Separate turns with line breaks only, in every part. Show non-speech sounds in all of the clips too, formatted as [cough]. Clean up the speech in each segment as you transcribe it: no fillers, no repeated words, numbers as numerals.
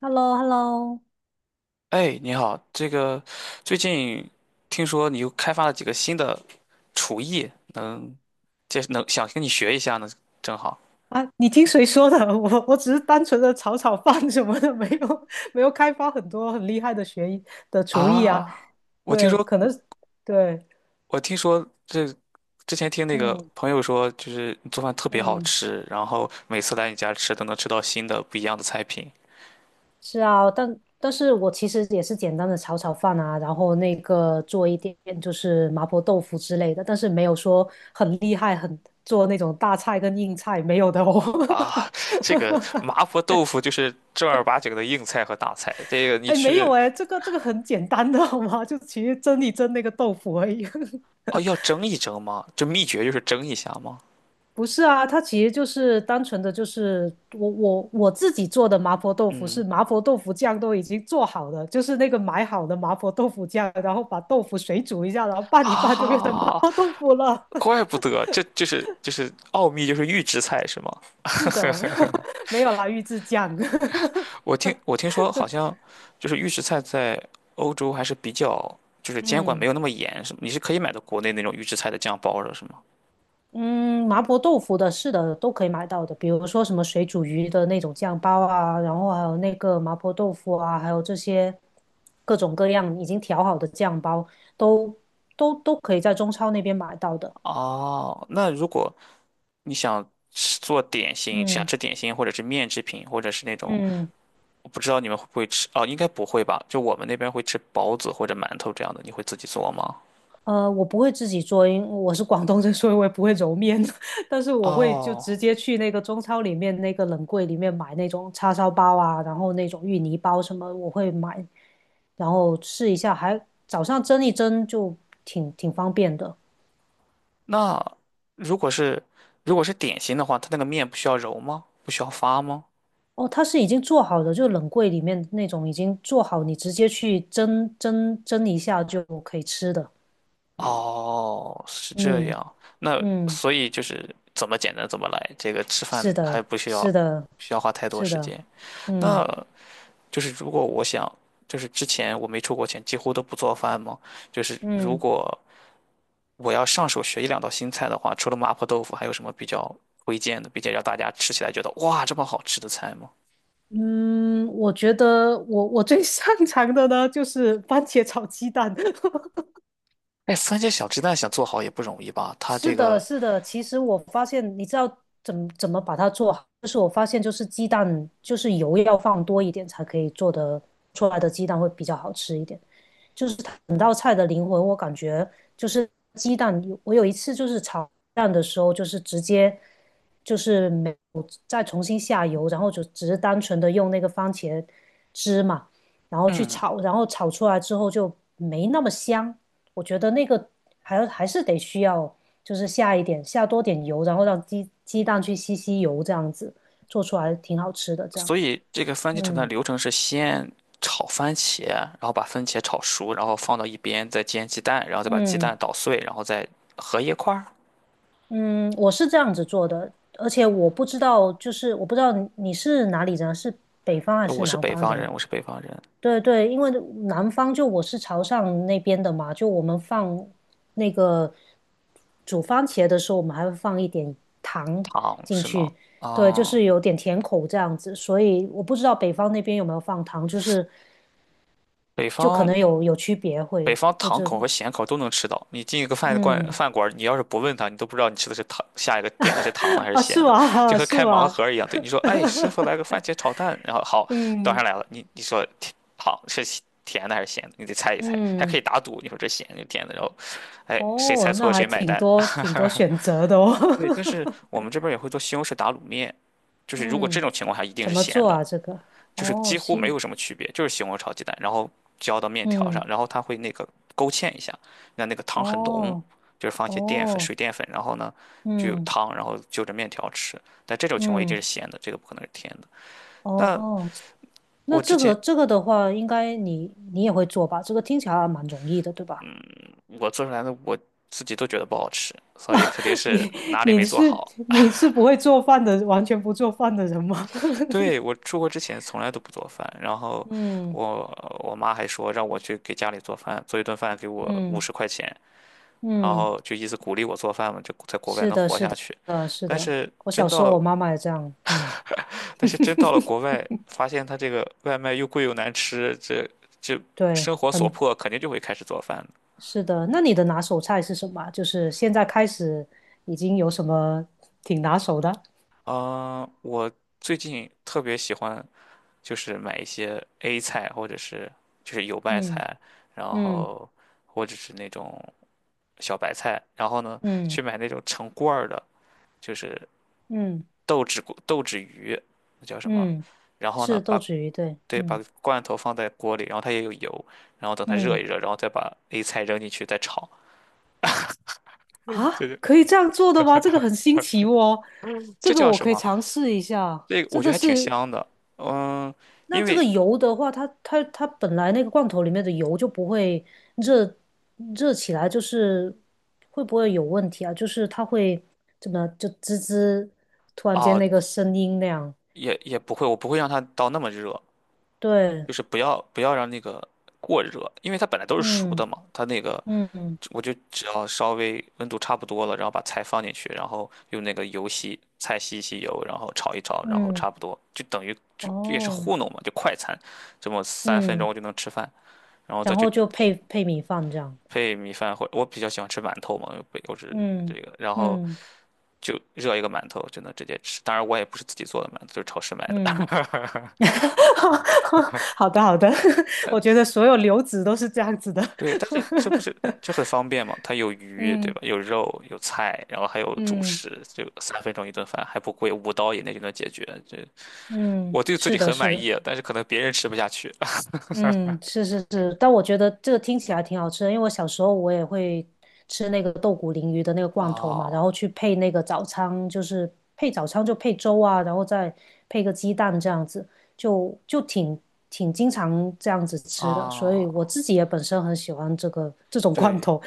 h e l l o h e l l o
哎，你好，最近听说你又开发了几个新的厨艺，能想跟你学一下呢，正好
啊，你听谁说的？[laughs] 我只是单纯的炒炒饭什么的，没有开发很多很厉害的学艺的厨艺啊。
啊。我听
对，可
说，
能对，
我听说，之前听那个
嗯
朋友说，就是你做饭特别好
嗯，
吃，然后每次来你家吃都能吃到新的不一样的菜品
是啊，但是我其实也是简单的炒炒饭啊，然后那个做一点就是麻婆豆腐之类的，但是没有说很厉害，做那种大菜跟硬菜没有的哦。
啊。这个麻
[laughs]
婆豆腐就是正儿八经的硬菜和大菜，这个你
哎，没有
去
哎，这个很简单的好吗？就其实蒸一蒸那个豆腐而已。[laughs]
哦要蒸一蒸吗？这秘诀就是蒸一下吗？
不是啊，它其实就是单纯的，就是我自己做的麻婆豆腐是麻婆豆腐酱都已经做好的，就是那个买好的麻婆豆腐酱，然后把豆腐水煮一下，然后拌一拌就变成麻
啊，
婆豆腐了。[laughs]
怪不得，这就是就是奥秘，就是预制菜是吗？
是
[laughs]
的，[laughs] 没有啦，预制酱。[laughs]
我听说好像就是预制菜在欧洲还是比较就是监管没
嗯。
有那么严，是你是可以买到国内那种预制菜的酱包的，是吗？
嗯，麻婆豆腐的，是的，都可以买到的。比如说什么水煮鱼的那种酱包啊，然后还有那个麻婆豆腐啊，还有这些各种各样已经调好的酱包，都都可以在中超那边买到的。
哦，那如果你想吃做点心，想
嗯
吃点心或者是面制品，或者是那种
嗯，
我不知道你们会不会吃哦，应该不会吧？就我们那边会吃包子或者馒头这样的，你会自己做吗？
我不会自己做，因为我是广东人，所以我也不会揉面，[laughs] 但是我会就直
哦，
接去那个中超里面那个冷柜里面买那种叉烧包啊，然后那种芋泥包什么，我会买。然后试一下，还早上蒸一蒸就挺方便的。
那如果是如果是点心的话，它那个面不需要揉吗？不需要发吗？
哦，它是已经做好的，就冷柜里面那种已经做好，你直接去蒸一下就可以吃的。
哦，是这
嗯
样。那
嗯，
所以就是怎么简单怎么来，这个吃
是
饭还
的，
不需要
是
不
的，
需要花太多
是
时
的，
间。
嗯
那就是如果我想，就是之前我没出过钱，几乎都不做饭吗？就是如
嗯
果我要上手学一两道新菜的话，除了麻婆豆腐，还有什么比较推荐的，并且让大家吃起来觉得哇这么好吃的菜吗？
嗯，我觉得我最擅长的呢就是番茄炒鸡蛋。[laughs]
哎，番茄小鸡蛋想做好也不容易吧？它
是
这
的，
个。
是的。其实我发现，你知道怎么把它做好，就是我发现，就是鸡蛋，就是油要放多一点才可以做得出来的鸡蛋会比较好吃一点。就是整道菜的灵魂，我感觉就是鸡蛋。我有一次就是炒蛋的时候，就是直接就是没有再重新下油，然后就只是单纯的用那个番茄汁嘛，然后去
嗯，
炒，然后炒出来之后就没那么香。我觉得那个还是得需要就是下多点油，然后让鸡蛋去吸吸油，这样子做出来挺好吃的。这样，
所以这个番茄炒蛋的
嗯
流程是先炒番茄，然后把番茄炒熟，然后放到一边，再煎鸡蛋，然后再把鸡蛋
嗯。
捣碎，然后再合一块儿。
嗯，我是这样子做的，而且我不知道，就是我不知道你是哪里人，是北方还是
我是
南
北
方
方
人？
人，我是北方人，
对对，因为南方就我是潮汕那边的嘛，就我们放那个煮番茄的时候，我们还会放一点糖
糖
进
是吗？
去，对，就
啊，
是有点甜口这样子，所以我不知道北方那边有没有放糖，就是
北
就可
方
能有区别
北
会
方
会
糖
这，
口
里。
和咸口都能吃到。你进一个饭馆，
嗯，
饭馆你要是不问他，你都不知道你吃的是糖，下一个点的是糖的还是
啊，
咸
是
的，就
吗？[laughs]
和
是
开盲
吗？
盒一样。对，你说，哎，师傅来个番茄炒蛋，然后好端上
嗯
来了，你说甜好是咸甜的还是咸的，你得猜一猜，还可以
嗯。
打赌，你说这咸就甜的，然后，哎，谁猜
哦，
错
那
了
还
谁买
挺
单。
多挺多
[laughs]
选择的哦。
对，但是我们这边也会做西红柿打卤面，
[laughs]
就是如果这
嗯，
种情况下一定
怎
是
么
咸
做
的，
啊？这个？
就是
哦，
几乎没
行。
有什么区别，就是西红柿炒鸡蛋，然后浇到面条上，
嗯，
然后它会那个勾芡一下，让那个汤很浓，
哦，
就是放一些淀粉、水
哦，
淀粉，然后呢就有
嗯，
汤，然后就着面条吃。但这种情况一定是
嗯，
咸的，这个不可能是甜的。那
哦，
我
那
之
这个
前
这个的话，应该你也会做吧？这个听起来还蛮容易的，对吧？
做出来的我自己都觉得不好吃，
[laughs]
所以
啊，
肯定是
你
哪里没
你
做
是
好。
你是不会做饭的，完全不做饭的人吗？
对，我
[laughs]
出国之前从来都不做饭，然后
嗯
我妈还说让我去给家里做饭，做一顿饭给我五
嗯
十块钱，然
嗯，
后就一直鼓励我做饭嘛，就在国外
是
能
的，
活
是
下去。
的，是
但
的。
是
我
真
小时
到
候
了，
我妈妈也这样，嗯，
但是真到了国外，发现他这个外卖又贵又难吃，这
对，
生活所
很
迫，肯定就会开始做饭的。
是的，那你的拿手菜是什么啊就是现在开始已经有什么挺拿手的？
啊、我最近特别喜欢就是买一些 A 菜，或者是就是油麦
嗯
菜，然
嗯
后或者是那种小白菜，然后呢去
嗯
买那种成罐儿的，就是
嗯
豆豉鱼，那叫什么？
嗯，
然后呢，
是豆
把
豉鱼，对，
对把
嗯
罐头放在锅里，然后它也有油，然后等它热一
嗯，
热，然后再把 A 菜扔进去再炒。嗯对
啊，
对，
可以这样做的吗？这个很新奇哦，这
这
个
叫
我
什
可以
么？
尝试一下。
这个
这
我觉得
个
还挺
是
香的。嗯，
那
因
这个
为
油的话，它本来那个罐头里面的油就不会热热起来，就是会不会有问题啊？就是它会怎么就滋滋，突然间
啊，
那个声音那样？
也不会，我不会让它到那么热，
对，
就是不要让那个过热，因为它本来都是熟的
嗯
嘛，它那个
嗯
我就只要稍微温度差不多了，然后把菜放进去，然后用那个油吸菜吸一吸油，然后炒一炒，然后
嗯，
差不多就等于就就也是
哦，
糊弄嘛，就快餐，这么三分钟
嗯，
就能吃饭，然后再
然
去
后就配配米饭这样，
配米饭或我比较喜欢吃馒头嘛，又不又是这
嗯
个，然后
嗯
就热一个馒头就能直接吃，当然我也不是自己做的馒头，就是超市买
嗯，
的。
[laughs] 好的好的，[laughs] 我觉
[laughs]
得所有流子都是这样子的，
对，但是这不是就很方便嘛？它有鱼，对
嗯
吧？有肉，有菜，然后还有主
嗯
食，就三分钟一顿饭，还不贵，5刀以内就能解决。这
嗯，
我对自
是
己
的
很
是
满
的。
意啊，但是可能别人吃不下去。[laughs]
嗯，是是是，但我觉得这个听起来挺好吃的，因为我小时候我也会吃那个豆鼓鲮鱼的那个罐头嘛，然
哦
后去配那个早餐，就是配早餐就配粥啊，然后再配个鸡蛋这样子，就挺经常这样子吃的，所以
哦，
我自己也本身很喜欢这个这种罐
对
头，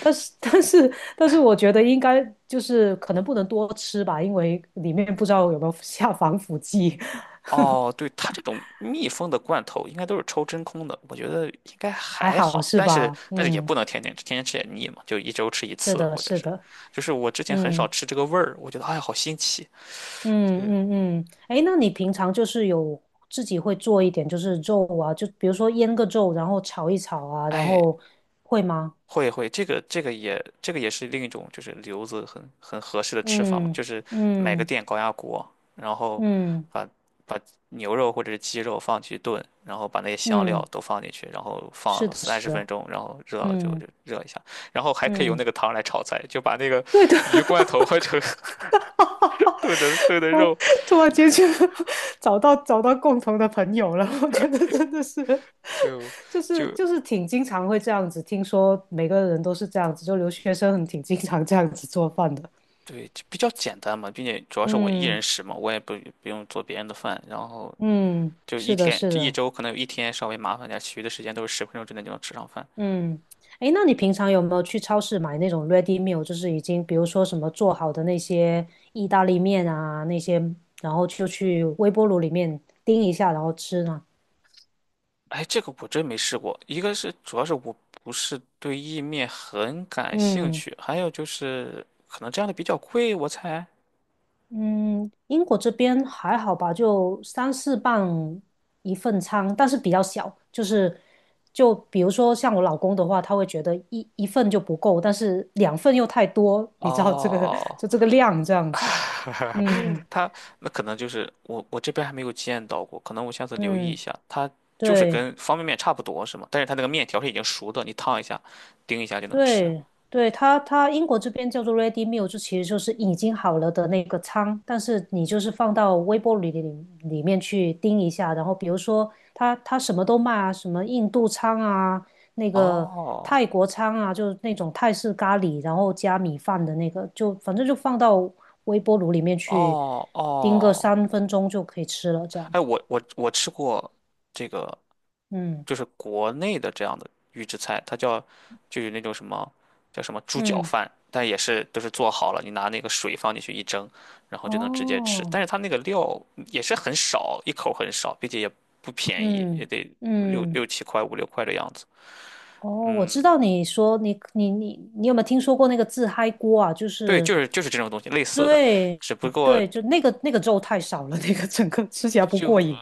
但是我觉得应该就是可能不能多吃吧，因为里面不知道有没有 [laughs] 下防腐剂，
哦，对，它这种密封的罐头应该都是抽真空的，我觉得应该
还
还
好
好，
是
但是
吧？
但是也
嗯，
不能天天吃，天天吃也腻嘛，就一周吃一
是
次，
的，
或者
是
是，
的，
就是我之前很少
嗯。
吃这个味儿，我觉得哎呀好新奇，
嗯
对，
嗯嗯，哎，那你平常就是有自己会做一点，就是肉啊，就比如说腌个肉，然后炒一炒啊，然
哎
后会吗？
会会，这个这个也这个也是另一种就是留子很很合适的吃法嘛，
嗯
就是买个
嗯
电高压锅，然后
嗯
把把牛肉或者是鸡肉放进去炖，然后把那些香料
嗯，
都放进去，然后
是
放
的，
三
是
十分
的，
钟，然后热了就
嗯
就热一下，然后还可以用
嗯。
那个汤来炒菜，就把那个
对的，
鱼罐头
[laughs]
换成 [laughs] 炖的
我
肉，
突然间就 [laughs] 找到共同的朋友了，我觉得真的是，
就
就是
就
就是挺经常会这样子，听说每个人都是这样子，就留学生很挺经常这样子做饭的。
对，就比较简单嘛，并且主要是我一
嗯
人食嘛，我也不不用做别人的饭，然后
嗯，
就一
是的，
天，
是
就一
的，
周可能有一天稍微麻烦点其余的时间都是十分钟之内就能吃上饭。
嗯，诶，那你平常有没有去超市买那种 ready meal，就是已经比如说什么做好的那些意大利面啊那些，然后就去微波炉里面叮一下，然后吃呢？
哎，这个我真没试过。一个是主要是我不是对意面很感兴
嗯
趣，还有就是可能这样的比较贵，我猜。
嗯，英国这边还好吧，就三四磅一份餐，但是比较小，就是就比如说像我老公的话，他会觉得一份就不够，但是两份又太多，你知道这个 [laughs]
哦，
就这个量这样子。嗯
它那可能就是我这边还没有见到过，可能我下次留意一
嗯，
下。它就是
对。
跟方便面差不多是吗？但是它那个面条是已经熟的，你烫一下，叮一下就能吃。
对对，它英国这边叫做 ready meal，就其实就是已经好了的那个汤，但是你就是放到微波炉里面去叮一下，然后比如说它什么都卖啊，什么印度餐啊，那个
哦
泰国餐啊，就是那种泰式咖喱，然后加米饭的那个，就反正就放到微波炉里面去
哦
叮个
哦，
3分钟就可以吃了，这样，
哎，我吃过这个
嗯
就是国内的这样的预制菜，它叫就有那种什么叫什么猪脚
嗯，
饭，但也是都是做好了，你拿那个水放进去一蒸，然后就能直接吃。
哦，
但是它那个料也是很少，一口很少，并且也不便宜，也
嗯
得六
嗯。
六七块五六块的样子。
哦，我知道你说你有没有听说过那个自嗨锅啊？就
对，就
是
是就是这种东西类似的，
对
只不过
对，就那个粥太少了，[laughs] 那个整个吃起来不过
就
瘾。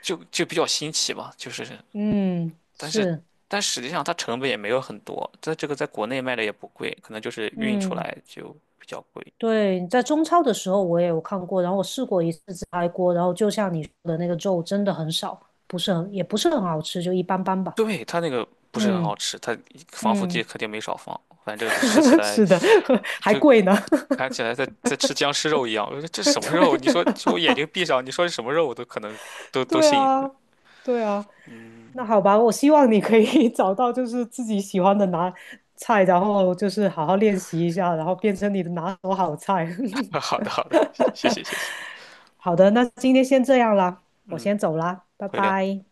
就比较新奇嘛，就是
嗯，
但是。
是，
但实际上，它成本也没有很多，在这个在国内卖的也不贵，可能就是运出
嗯，
来就比较贵。
对，在中超的时候我也有看过，然后我试过一次自嗨锅，然后就像你说的那个肉真的很少，不是很也不是很好吃，就一般般吧。
对，它那个不是很好
嗯
吃，它防腐剂
嗯，
肯定没少放，反正吃起
[laughs]
来
是的，[laughs] 还
就
贵呢。[laughs]
看起来在吃僵尸肉一样。我说这什么肉？你说说我
对
眼睛闭上，你说是什么肉，我都可能都
[laughs]，
都
对
信。
啊，对啊。那
嗯，
好吧，我希望你可以 [laughs] 找到就是自己喜欢的拿菜，然后就是好好练习一下，然后变成你的拿手好菜。
[laughs]
[laughs]
好的好的，谢谢谢谢，
好的，那今天先这样啦，我
嗯，
先走啦，拜
回聊。
拜。